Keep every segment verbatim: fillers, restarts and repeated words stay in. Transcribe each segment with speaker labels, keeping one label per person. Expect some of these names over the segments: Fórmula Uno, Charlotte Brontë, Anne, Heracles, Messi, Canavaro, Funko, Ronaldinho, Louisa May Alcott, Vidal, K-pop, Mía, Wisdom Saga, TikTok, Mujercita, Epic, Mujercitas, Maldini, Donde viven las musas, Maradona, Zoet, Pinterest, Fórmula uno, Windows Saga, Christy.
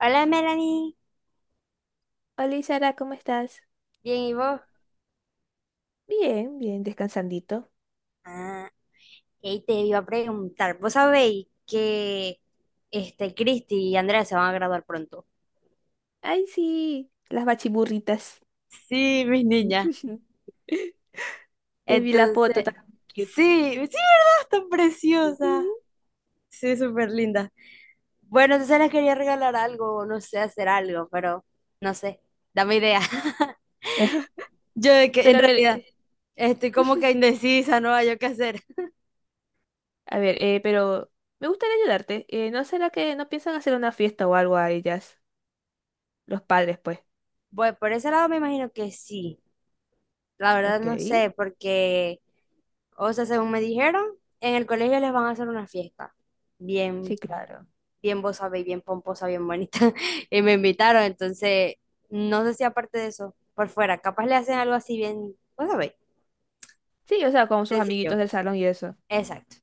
Speaker 1: Hola Melanie,
Speaker 2: Hola Sara, ¿cómo estás?
Speaker 1: bien y vos.
Speaker 2: Bien, bien, descansandito.
Speaker 1: Ah, y te iba a preguntar, ¿vos sabéis que este Cristi y Andrea se van a graduar pronto?
Speaker 2: Ay, sí, las bachiburritas.
Speaker 1: Sí, mis niñas.
Speaker 2: Te vi la foto
Speaker 1: Entonces,
Speaker 2: tan cute.
Speaker 1: sí, sí, ¿verdad? Están preciosas.
Speaker 2: Ujú.
Speaker 1: Sí, súper lindas. Bueno, entonces les quería regalar algo, no sé, hacer algo, pero no sé, dame idea. Yo de que
Speaker 2: Pero
Speaker 1: en
Speaker 2: a ver,
Speaker 1: realidad
Speaker 2: eh,
Speaker 1: estoy como que indecisa, no hay yo qué hacer.
Speaker 2: a ver, eh, pero me gustaría ayudarte. Eh, ¿no será que no piensan hacer una fiesta o algo a ellas? Los padres, pues.
Speaker 1: Bueno, por ese lado me imagino que sí. La verdad
Speaker 2: Ok,
Speaker 1: no sé, porque o sea, según me dijeron, en el colegio les van a hacer una fiesta. Bien,
Speaker 2: sí, claro.
Speaker 1: bien vos sabéis, bien pomposa, bien bonita. Y me invitaron, entonces, no sé si aparte de eso, por fuera, capaz le hacen algo así bien, vos sabéis,
Speaker 2: Sí, o sea, con sus amiguitos
Speaker 1: sencillo.
Speaker 2: del salón y eso.
Speaker 1: Exacto.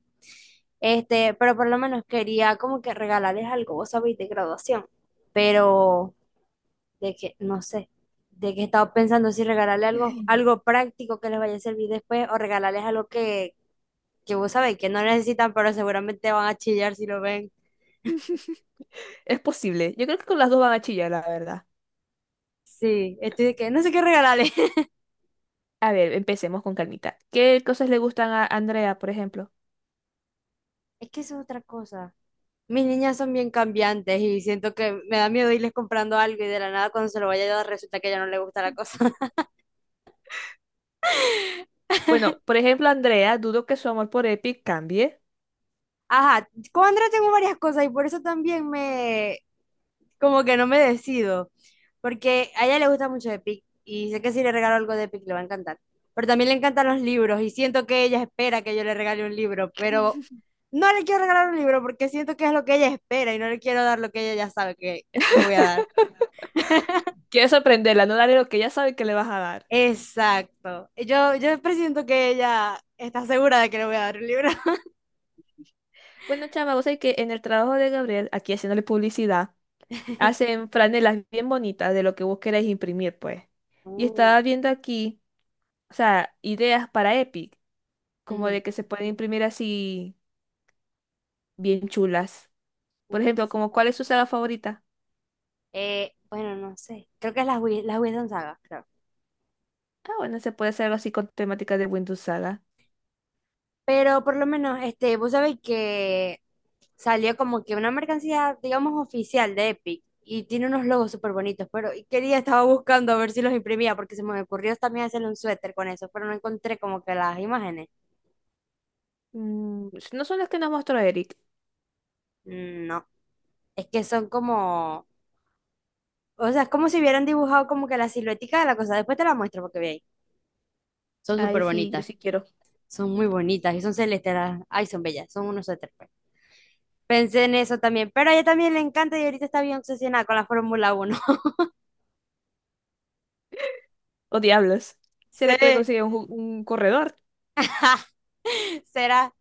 Speaker 1: Este, pero por lo menos quería como que regalarles algo, vos sabéis, de graduación. Pero de que, no sé, de que estaba pensando si regalarle algo, algo práctico que les vaya a servir después o regalarles algo que, que vos sabéis que no necesitan, pero seguramente van a chillar si lo ven.
Speaker 2: Es posible. Yo creo que con las dos van a chillar, la verdad.
Speaker 1: Sí, estoy de que no sé qué regalarle.
Speaker 2: A ver, empecemos con calmita. ¿Qué cosas le gustan a Andrea, por ejemplo?
Speaker 1: Es que eso es otra cosa. Mis niñas son bien cambiantes y siento que me da miedo irles comprando algo y de la nada cuando se lo vaya a dar resulta que ya no le gusta la cosa.
Speaker 2: Bueno, por ejemplo, Andrea, dudo que su amor por Epic cambie.
Speaker 1: Ajá, con Andrea tengo varias cosas y por eso también me, como que no me decido, porque a ella le gusta mucho Epic y sé que si le regalo algo de Epic le va a encantar, pero también le encantan los libros y siento que ella espera que yo le regale un libro, pero no le quiero regalar un libro porque siento que es lo que ella espera y no le quiero dar lo que ella ya sabe que le voy a dar.
Speaker 2: Quiero sorprenderla, no darle lo que ella sabe que le vas a dar.
Speaker 1: Exacto. Yo, yo presiento que ella está segura de que le voy a dar un libro.
Speaker 2: Bueno, chama, vos sabés que en el trabajo de Gabriel, aquí haciéndole publicidad, hacen franelas bien bonitas de lo que vos queréis imprimir, pues. Y
Speaker 1: Uh,
Speaker 2: estaba viendo aquí, o sea, ideas para Epic, como
Speaker 1: ujú,
Speaker 2: de que se pueden imprimir así bien chulas.
Speaker 1: uh,
Speaker 2: Por
Speaker 1: ¿qué
Speaker 2: ejemplo,
Speaker 1: se
Speaker 2: como
Speaker 1: falla?
Speaker 2: ¿cuál es su saga favorita?
Speaker 1: Eh, bueno, no sé. Creo que es las Wis- las Wisdom Saga, creo.
Speaker 2: Ah, bueno, se puede hacer algo así con temática de Windows Saga.
Speaker 1: Pero por lo menos, este, vos sabés que salió como que una mercancía, digamos, oficial de Epic. Y tiene unos logos súper bonitos, pero y quería, estaba buscando a ver si los imprimía, porque se me ocurrió también hacerle un suéter con eso, pero no encontré como que las imágenes.
Speaker 2: Mm, no son las que nos mostró Eric.
Speaker 1: Mm, no, es que son como o sea, es como si hubieran dibujado como que la siluética de la cosa. Después te la muestro porque veis. Son
Speaker 2: Ay,
Speaker 1: súper
Speaker 2: sí, yo
Speaker 1: bonitas.
Speaker 2: sí quiero.
Speaker 1: Son muy bonitas y son celestes. las- Ay, son bellas. Son unos suéteres, pues. Pensé en eso también. Pero a ella también le encanta y ahorita está bien obsesionada con la Fórmula uno.
Speaker 2: Oh, diablos. ¿Será que le
Speaker 1: Sí.
Speaker 2: consigue un, ju- un corredor
Speaker 1: Será.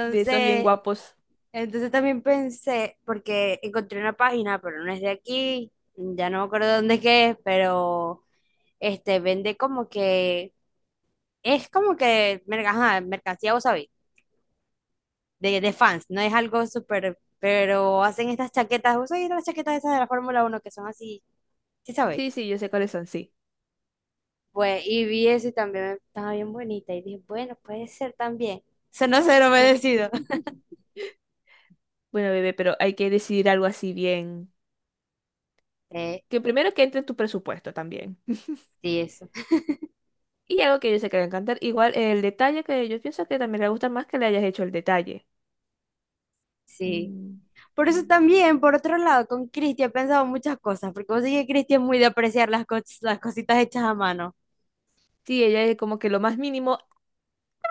Speaker 2: de esos bien guapos?
Speaker 1: entonces también pensé, porque encontré una página, pero no es de aquí. Ya no me acuerdo dónde es que es, pero este vende como que. Es como que merca- ajá, mercancía, vos sabés de, de fans, no es algo súper, pero hacen estas chaquetas, ¿vos sabés las chaquetas esas de la Fórmula uno que son así? ¿Sí sabéis?
Speaker 2: Sí, sí, yo sé cuáles son, sí.
Speaker 1: Pues, y vi eso y también estaba bien bonita y dije, bueno, puede ser también. Sonó ser
Speaker 2: Ok.
Speaker 1: obedecido.
Speaker 2: Bueno, bebé, pero hay que decidir algo así bien.
Speaker 1: Eh,
Speaker 2: Que primero que entre en tu presupuesto también.
Speaker 1: sí, eso,
Speaker 2: Y algo que yo sé que le va a encantar. Igual el detalle que yo pienso que también le gusta más que le hayas hecho el detalle.
Speaker 1: sí.
Speaker 2: Mm.
Speaker 1: Por eso
Speaker 2: Mm.
Speaker 1: también, por otro lado, con Cristi he pensado muchas cosas, porque vos sabés que Cristi es muy de apreciar las, cos- las cositas hechas a mano.
Speaker 2: Sí, ella es como que lo más mínimo.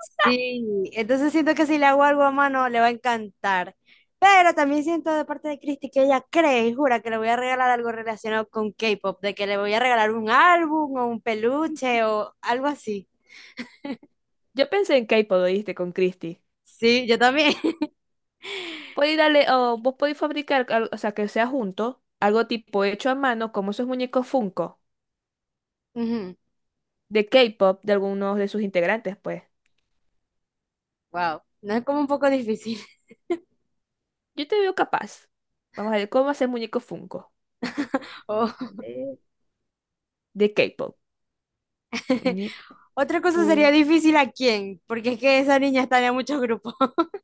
Speaker 1: Sí, entonces siento que si le hago algo a mano le va a encantar. Pero también siento de parte de Christy que ella cree y jura que le voy a regalar algo relacionado con K-pop, de que le voy a regalar un álbum o un peluche o algo así.
Speaker 2: Yo pensé en K-pop, ¿oíste? Con Christy.
Speaker 1: Sí, yo también.
Speaker 2: Podéis darle, o vos podéis fabricar, al- o sea, que sea junto, algo tipo hecho a mano, como esos muñecos Funko.
Speaker 1: Ujú.
Speaker 2: De K-pop de algunos de sus integrantes, pues.
Speaker 1: Wow, no es como un poco difícil.
Speaker 2: Yo te veo capaz. Vamos a ver cómo hacer muñeco Funko. A
Speaker 1: O-
Speaker 2: ver. De K-pop. Muñeco.
Speaker 1: Otra cosa sería difícil a quién, porque es que esa niña está en muchos grupos.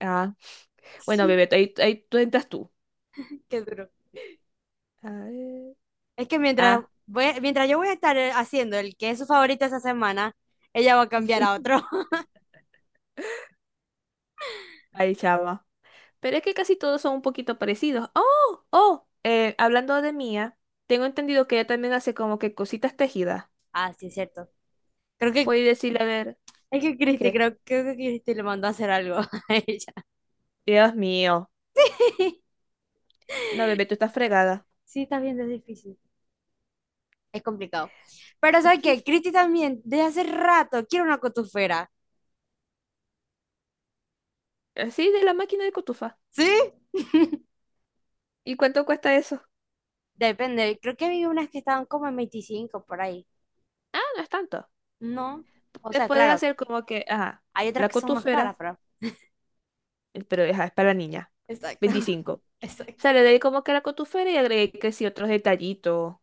Speaker 2: Ah, bueno,
Speaker 1: Sí,
Speaker 2: bebé, ahí, ahí tú entras tú.
Speaker 1: qué duro.
Speaker 2: A ver.
Speaker 1: Es que mientras,
Speaker 2: Ah,
Speaker 1: voy- mientras yo voy a estar eh, haciendo el que es su favorito esa semana, ella va a cambiar a otro.
Speaker 2: ahí chava. Pero es que casi todos son un poquito parecidos. Oh, oh, eh, hablando de Mía, tengo entendido que ella también hace como que cositas tejidas.
Speaker 1: Ah, sí, es cierto. Creo que
Speaker 2: Puedes decirle, a ver,
Speaker 1: es que Cristi,
Speaker 2: ¿qué?
Speaker 1: creo, creo que Cristi le mandó a hacer algo a ella.
Speaker 2: Dios mío. No, bebé, tú estás fregada.
Speaker 1: Sí, está bien, es difícil. Es complicado. Pero ¿sabes qué? Cristi también, desde hace rato, quiere una cotufera.
Speaker 2: Así de la máquina de cotufa.
Speaker 1: ¿Sí?
Speaker 2: ¿Y cuánto cuesta eso?
Speaker 1: Depende, creo que vi unas que estaban como en veinticinco por ahí.
Speaker 2: No es tanto.
Speaker 1: No, o
Speaker 2: Te
Speaker 1: sea,
Speaker 2: puedes
Speaker 1: claro,
Speaker 2: hacer como que, ajá,
Speaker 1: hay otras
Speaker 2: la
Speaker 1: que son más
Speaker 2: cotufera,
Speaker 1: caras, pero...
Speaker 2: eh, pero ajá, es para la niña,
Speaker 1: Exacto,
Speaker 2: veinticinco.
Speaker 1: exacto.
Speaker 2: Sale de ahí como que la cotufera y agregué que sí otros detallitos.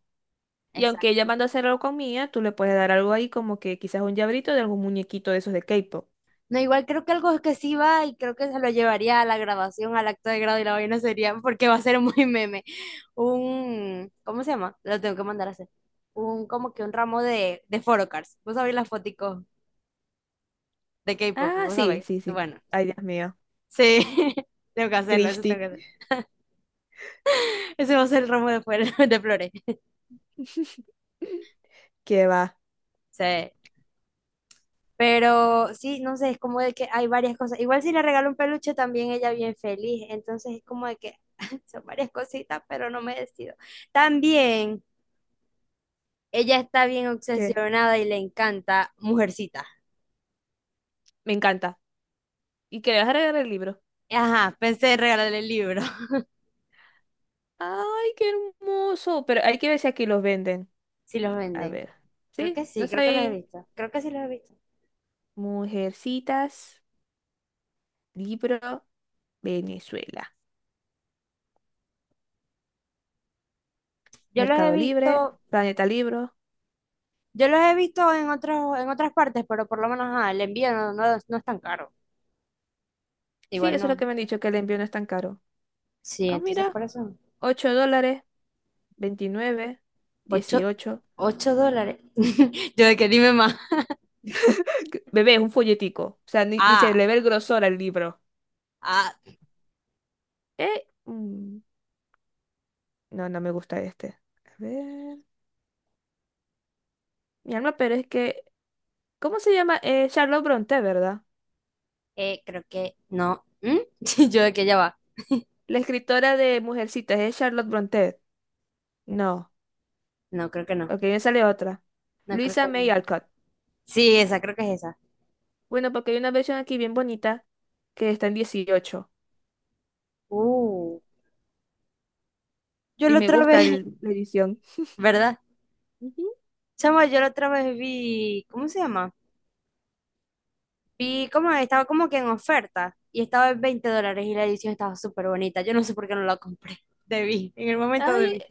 Speaker 2: Y aunque
Speaker 1: Exacto.
Speaker 2: ella manda a hacer algo con Mía, tú le puedes dar algo ahí como que quizás un llaverito de algún muñequito de esos de K-pop.
Speaker 1: No, igual creo que algo que sí va y creo que se lo llevaría a la grabación, al acto de grado y la vaina sería, porque va a ser muy meme, un, ¿cómo se llama? Lo tengo que mandar a hacer. Un, como que un ramo de, de photocards. Vos sabés las foticos de K-pop,
Speaker 2: Ah,
Speaker 1: vos
Speaker 2: sí,
Speaker 1: sabés.
Speaker 2: sí, sí.
Speaker 1: Bueno,
Speaker 2: Ay, Dios mío.
Speaker 1: sí, tengo que hacerlo, eso tengo
Speaker 2: Christy.
Speaker 1: que hacer. Ese va a ser el ramo de, flores- de flores.
Speaker 2: ¿Qué va?
Speaker 1: Sí. Pero sí, no sé, es como de que hay varias cosas. Igual si le regalo un peluche, también ella bien feliz. Entonces es como de que son varias cositas, pero no me decido. También ella está bien
Speaker 2: ¿Qué?
Speaker 1: obsesionada y le encanta Mujercita.
Speaker 2: Me encanta. ¿Y que le vas a regalar el libro?
Speaker 1: Ajá, pensé en regalarle el libro.
Speaker 2: Ay, qué hermoso. Pero hay que ver si aquí los venden.
Speaker 1: Si los
Speaker 2: A
Speaker 1: venden.
Speaker 2: ver.
Speaker 1: Creo
Speaker 2: ¿Sí?
Speaker 1: que
Speaker 2: No
Speaker 1: sí, creo que los he
Speaker 2: sabéis.
Speaker 1: visto. Creo que sí los he visto.
Speaker 2: Mujercitas, libro, Venezuela.
Speaker 1: Yo los he
Speaker 2: Mercado Libre,
Speaker 1: visto,
Speaker 2: Planeta Libro.
Speaker 1: yo los he visto en otros, en otras partes, pero por lo menos ajá, el envío no, no, no es tan caro.
Speaker 2: Sí,
Speaker 1: Igual
Speaker 2: eso es lo
Speaker 1: no.
Speaker 2: que me han dicho, que el envío no es tan caro.
Speaker 1: Sí,
Speaker 2: Ah,
Speaker 1: entonces
Speaker 2: mira,
Speaker 1: por eso, no.
Speaker 2: ocho dólares, veintinueve,
Speaker 1: Ocho,
Speaker 2: dieciocho.
Speaker 1: ocho dólares. Yo de que dime más.
Speaker 2: Bebé, es un folletico. O sea, ni, ni se
Speaker 1: Ah,
Speaker 2: le ve el grosor al libro.
Speaker 1: ah,
Speaker 2: Eh, mm, no, no me gusta este. A ver. Mi alma, pero es que. ¿Cómo se llama? Eh, Charlotte Brontë, ¿verdad?
Speaker 1: eh, creo que no. ¿Mm? Yo de que ya va.
Speaker 2: La escritora de Mujercitas es Charlotte Brontë. No.
Speaker 1: No, creo que no.
Speaker 2: Ok, me sale otra.
Speaker 1: No, creo
Speaker 2: Luisa
Speaker 1: que
Speaker 2: May
Speaker 1: no.
Speaker 2: Alcott.
Speaker 1: Sí, esa, creo que es esa.
Speaker 2: Bueno, porque hay una versión aquí bien bonita que está en dieciocho
Speaker 1: Uh, yo
Speaker 2: y
Speaker 1: la
Speaker 2: me
Speaker 1: otra
Speaker 2: gusta
Speaker 1: vez,
Speaker 2: el- la edición.
Speaker 1: ¿verdad?
Speaker 2: Ujú.
Speaker 1: Chama, yo la otra vez vi, ¿cómo se llama? Vi como estaba como que en oferta y estaba en veinte dólares y la edición estaba súper bonita. Yo no sé por qué no la compré. Debí, en el momento
Speaker 2: Ay,
Speaker 1: debí.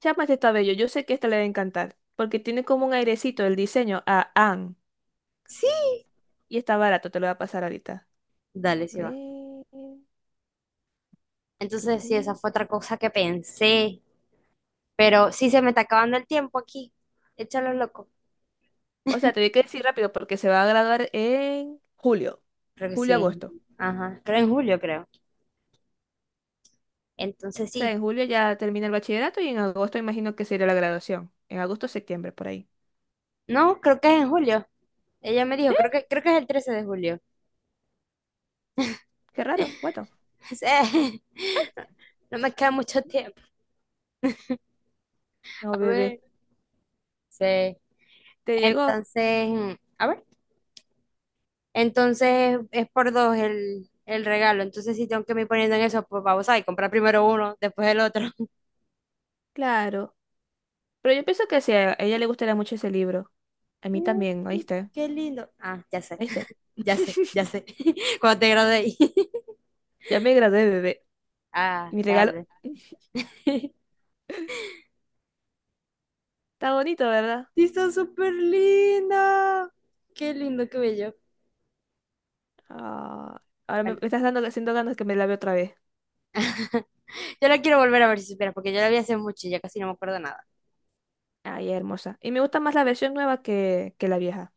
Speaker 2: chama, este está bello. Yo sé que esta le va a encantar porque tiene como un airecito el diseño a Anne
Speaker 1: Sí.
Speaker 2: y está barato, te lo voy a pasar ahorita.
Speaker 1: Dale, sí va.
Speaker 2: Ve,
Speaker 1: Entonces, sí, esa
Speaker 2: tucú.
Speaker 1: fue otra cosa que pensé. Pero sí se me está acabando el tiempo aquí. Échalo loco.
Speaker 2: O sea, te voy que decir rápido porque se va a graduar en julio,
Speaker 1: Creo que sí.
Speaker 2: julio-agosto.
Speaker 1: Ajá. Creo en julio, creo. Entonces
Speaker 2: O sea,
Speaker 1: sí.
Speaker 2: en julio ya termina el bachillerato y en agosto imagino que sería la graduación. En agosto, septiembre, por ahí.
Speaker 1: No, creo que es en julio. Ella me dijo,
Speaker 2: Sí,
Speaker 1: creo que, creo que es el trece de julio.
Speaker 2: qué raro. Bueno,
Speaker 1: Sí. No me queda mucho tiempo.
Speaker 2: no,
Speaker 1: A
Speaker 2: bebé.
Speaker 1: ver. Sí.
Speaker 2: ¿Te llegó?
Speaker 1: Entonces, mm, a ver. Entonces es por dos el, el regalo. Entonces sí tengo que me ir poniendo en eso, pues vamos a comprar primero uno, después el otro.
Speaker 2: Claro. Pero yo pienso que sí, a ella le gustaría mucho ese libro. A mí
Speaker 1: Mm,
Speaker 2: también, ¿oíste?
Speaker 1: qué lindo. Ah, ya sé,
Speaker 2: ¿Oíste?
Speaker 1: ya sé, ya sé. Cuando te gradué.
Speaker 2: Ya me gradué, bebé.
Speaker 1: Ah,
Speaker 2: Y mi regalo
Speaker 1: tarde.
Speaker 2: está bonito, ¿verdad?
Speaker 1: Sí, está súper linda. Qué lindo cabello.
Speaker 2: Ah, ahora me, me
Speaker 1: Bueno,
Speaker 2: estás dando haciendo ganas que me la vea otra vez.
Speaker 1: yo la quiero volver a ver si supieras, porque yo la vi hace mucho y ya casi no me acuerdo nada,
Speaker 2: Ay, hermosa. Y me gusta más la versión nueva que, que la vieja.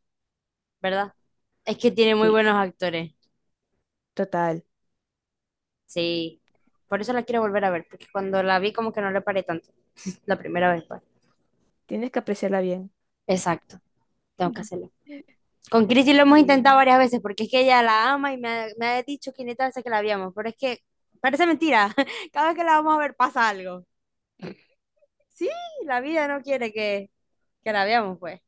Speaker 1: ¿verdad? Es que tiene muy
Speaker 2: Sí,
Speaker 1: buenos actores.
Speaker 2: total.
Speaker 1: Sí. Por eso la quiero volver a ver, porque cuando la vi como que no le paré tanto. La primera vez, pues.
Speaker 2: Tienes que apreciarla bien.
Speaker 1: Exacto, tengo que
Speaker 2: Ujú.
Speaker 1: hacerlo. Con Cristi lo hemos
Speaker 2: Eh,
Speaker 1: intentado varias veces, porque es que ella la ama y me ha, me ha dicho quinientas veces que la habíamos, pero es que parece mentira. Cada vez que la vamos a ver pasa algo. Sí, la vida no quiere que, que la veamos, pues.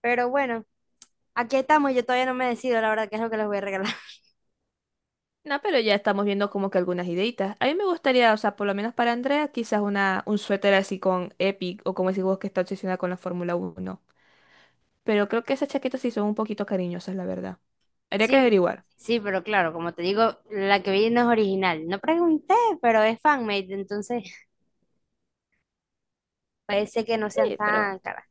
Speaker 1: Pero bueno. Aquí estamos, yo todavía no me decido, la verdad, qué es lo que les voy a regalar.
Speaker 2: No, pero ya estamos viendo como que algunas ideitas. A mí me gustaría, o sea, por lo menos para Andrea, quizás una, un suéter así con Epic o como ese vos que está obsesionada con la Fórmula Uno. Pero creo que esas chaquetas sí son un poquito cariñosas, la verdad. Habría que
Speaker 1: Sí,
Speaker 2: averiguar.
Speaker 1: sí, pero claro, como te digo, la que vi no es original. No pregunté, pero es fanmade, entonces parece que no sean
Speaker 2: Sí,
Speaker 1: tan
Speaker 2: pero.
Speaker 1: caras.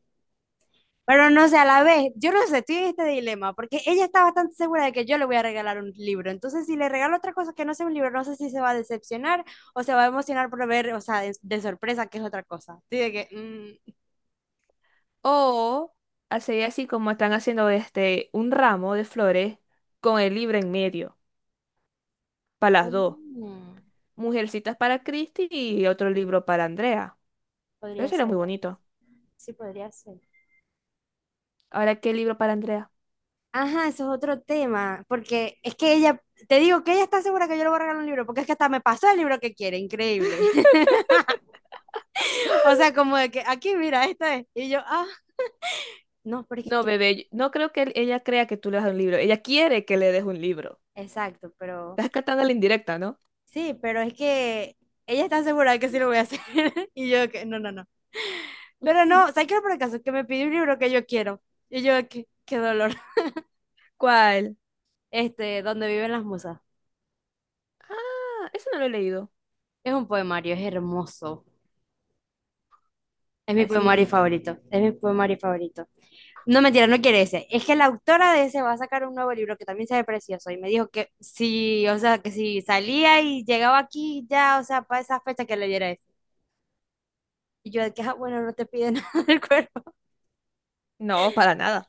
Speaker 1: Pero no sé, a la vez, yo no sé, estoy en este dilema, porque ella está bastante segura de que yo le voy a regalar un libro. Entonces, si le regalo otra cosa que no sea un libro, no sé si se va a decepcionar o se va a emocionar por ver, o sea, de, de sorpresa, que es otra cosa. Estoy de que, mm,
Speaker 2: O hacer así como están haciendo este, un ramo de flores con el libro en medio, para las dos.
Speaker 1: Mm,
Speaker 2: Mujercitas para Christy y otro libro para Andrea. Eso
Speaker 1: podría
Speaker 2: sería
Speaker 1: ser,
Speaker 2: muy
Speaker 1: ¿verdad?
Speaker 2: bonito.
Speaker 1: Sí, podría ser.
Speaker 2: Ahora, ¿qué libro para Andrea?
Speaker 1: Ajá, eso es otro tema, porque es que ella, te digo que ella está segura que yo le voy a regalar un libro, porque es que hasta me pasó el libro que quiere, increíble. O sea, como de que aquí, mira, esto es. Y yo, ah, no, pero es que
Speaker 2: No,
Speaker 1: quiero-
Speaker 2: bebé, yo- no creo que él- ella crea que tú le das un libro. Ella quiere que le des un libro.
Speaker 1: Exacto, pero
Speaker 2: Estás cantando la indirecta, ¿no?
Speaker 1: sí, pero es que ella está segura de que sí lo voy a hacer. Y yo, que no, no, no. Pero
Speaker 2: Ujú.
Speaker 1: no, ¿sabes qué? Por el caso, que me pidió un libro que yo quiero. Y yo, qué, qué dolor.
Speaker 2: ¿Cuál?
Speaker 1: Este, Donde viven las musas.
Speaker 2: Ah, eso no lo he leído.
Speaker 1: Es un poemario, es hermoso. Es mi
Speaker 2: Así he
Speaker 1: poemario
Speaker 2: visto.
Speaker 1: favorito, es mi poemario favorito. No, mentira, no quiere ese. Es que la autora de ese va a sacar un nuevo libro que también se ve precioso y me dijo que sí, o sea, que si salía y llegaba aquí ya, o sea, para esa fecha que leyera ese. Y yo de que, ah, bueno, no te pide nada del cuerpo.
Speaker 2: No, para nada.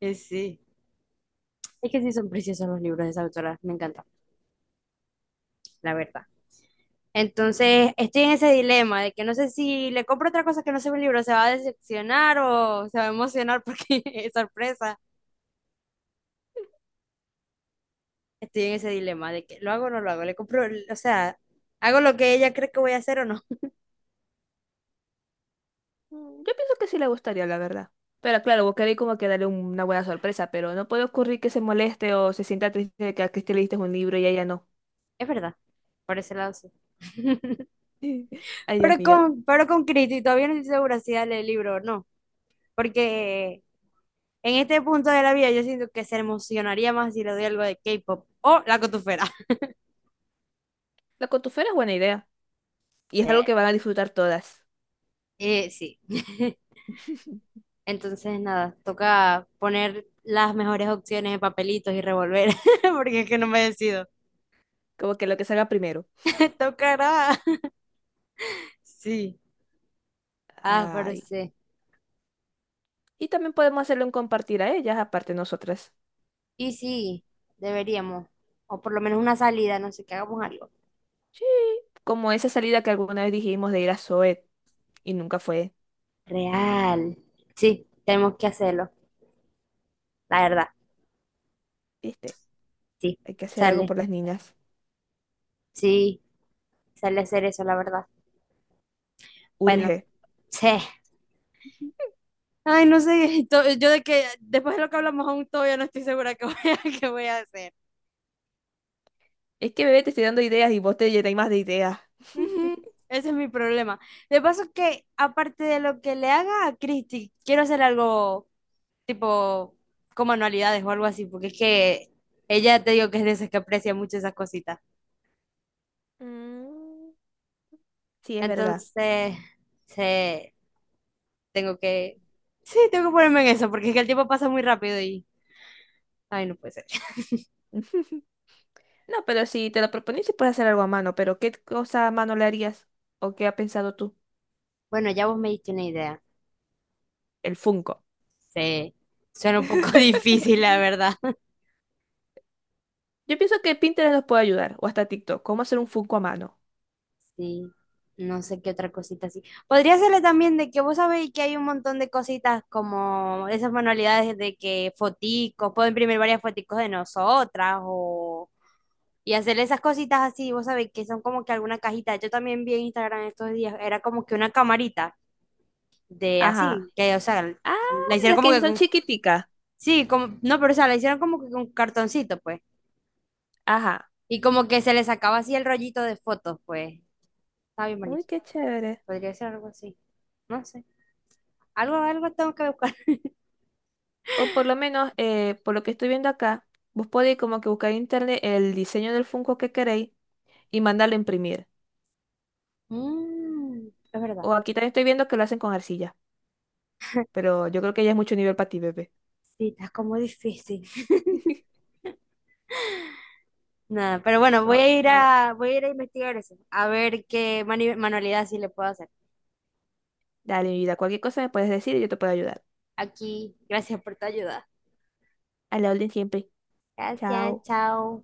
Speaker 1: Que sí. Es que sí son preciosos los libros de esa autora, me encanta, la verdad. Entonces, estoy en ese dilema de que no sé si le compro otra cosa que no sea un libro, se va a decepcionar o se va a emocionar porque es sorpresa. Estoy en ese dilema de que lo hago o no lo hago, le compro, o sea, hago lo que ella cree que voy a hacer o no.
Speaker 2: Mm, Yo pienso que sí le gustaría, la verdad. Pero claro, vos querés como que darle un- una buena sorpresa, pero no puede ocurrir que se moleste o se sienta triste de que a Cristi le diste un libro y a ella no.
Speaker 1: Es verdad, por ese lado sí.
Speaker 2: Ay, Dios
Speaker 1: Pero
Speaker 2: mío.
Speaker 1: con, pero con Cristo, y todavía no estoy segura si darle el libro o no, porque en este punto de la vida yo siento que se emocionaría más si le doy algo de K-pop o la cotufera.
Speaker 2: La contufela es buena idea. Y
Speaker 1: Sí,
Speaker 2: es algo que van a disfrutar todas.
Speaker 1: eh, sí. Entonces, nada, toca poner las mejores opciones en papelitos y revolver, porque es que no me decido.
Speaker 2: Como que lo que salga primero.
Speaker 1: Me tocará. Sí. Ah, pero
Speaker 2: Ay.
Speaker 1: sí.
Speaker 2: Y también podemos hacerle un compartir a ellas, aparte de nosotras.
Speaker 1: Y sí, deberíamos, o por lo menos una salida, no sé, que hagamos algo.
Speaker 2: Sí. Como esa salida que alguna vez dijimos de ir a Zoet y nunca fue.
Speaker 1: Real. Sí, tenemos que hacerlo, la verdad.
Speaker 2: ¿Viste?
Speaker 1: Sí,
Speaker 2: Hay que hacer algo
Speaker 1: sale.
Speaker 2: por las niñas.
Speaker 1: Sí, sale hacer eso, la verdad. Bueno,
Speaker 2: Urge.
Speaker 1: sí. Ay, no sé, to- yo de que después de lo que hablamos aún todavía no estoy segura que voy a, qué voy a hacer.
Speaker 2: Es que bebé te estoy dando ideas y vos te llenáis más de ideas.
Speaker 1: Ujú. Ese es mi problema. De paso que, aparte de lo que le haga a Christy, quiero hacer algo tipo como anualidades o algo así, porque es que ella te digo que es de esas que aprecia mucho esas cositas.
Speaker 2: Mm. Sí, es verdad.
Speaker 1: Entonces, sí. Tengo que, sí, tengo que ponerme en eso, porque es que el tiempo pasa muy rápido y, ay, no puede ser.
Speaker 2: No, pero si te lo propones sí puedes hacer algo a mano, pero ¿qué cosa a mano le harías? ¿O qué ha pensado tú?
Speaker 1: Bueno, ya vos me diste una idea.
Speaker 2: El Funko.
Speaker 1: Sí, suena un poco difícil, la verdad.
Speaker 2: Yo pienso que Pinterest nos puede ayudar, o hasta TikTok. ¿Cómo hacer un Funko a mano?
Speaker 1: Sí, no sé qué otra cosita así. Podría serle también de que vos sabéis que hay un montón de cositas como esas manualidades de que foticos, puedo imprimir varias foticos de nosotras o... Y hacerle esas cositas así, vos sabéis que son como que alguna cajita. Yo también vi en Instagram estos días, era como que una camarita de
Speaker 2: Ajá.
Speaker 1: así, que, o sea,
Speaker 2: Ah,
Speaker 1: la hicieron
Speaker 2: las
Speaker 1: como
Speaker 2: que
Speaker 1: que
Speaker 2: son
Speaker 1: con
Speaker 2: chiquiticas.
Speaker 1: sí, como, no, pero o sea, la hicieron como que con cartoncito, pues.
Speaker 2: Ajá.
Speaker 1: Y como que se le sacaba así el rollito de fotos, pues. Está bien
Speaker 2: Uy,
Speaker 1: bonito.
Speaker 2: qué chévere.
Speaker 1: Podría ser algo así. No sé. Algo, algo tengo que buscar.
Speaker 2: O por lo menos, eh, por lo que estoy viendo acá, vos podéis como que buscar en internet el diseño del Funko que queréis y mandarlo a imprimir.
Speaker 1: Mm, es verdad.
Speaker 2: O aquí también estoy viendo que lo hacen con arcilla, pero yo creo que ya es mucho nivel para ti, bebé.
Speaker 1: Sí, está como difícil. Nada, pero bueno, voy
Speaker 2: No,
Speaker 1: a ir
Speaker 2: no.
Speaker 1: a, voy a ir a investigar eso. A ver qué mani- manualidad sí le puedo hacer.
Speaker 2: Dale, mi vida, cualquier cosa me puedes decir y yo te puedo ayudar.
Speaker 1: Aquí, gracias por tu ayuda.
Speaker 2: A la orden siempre.
Speaker 1: Gracias,
Speaker 2: Chao.
Speaker 1: chao.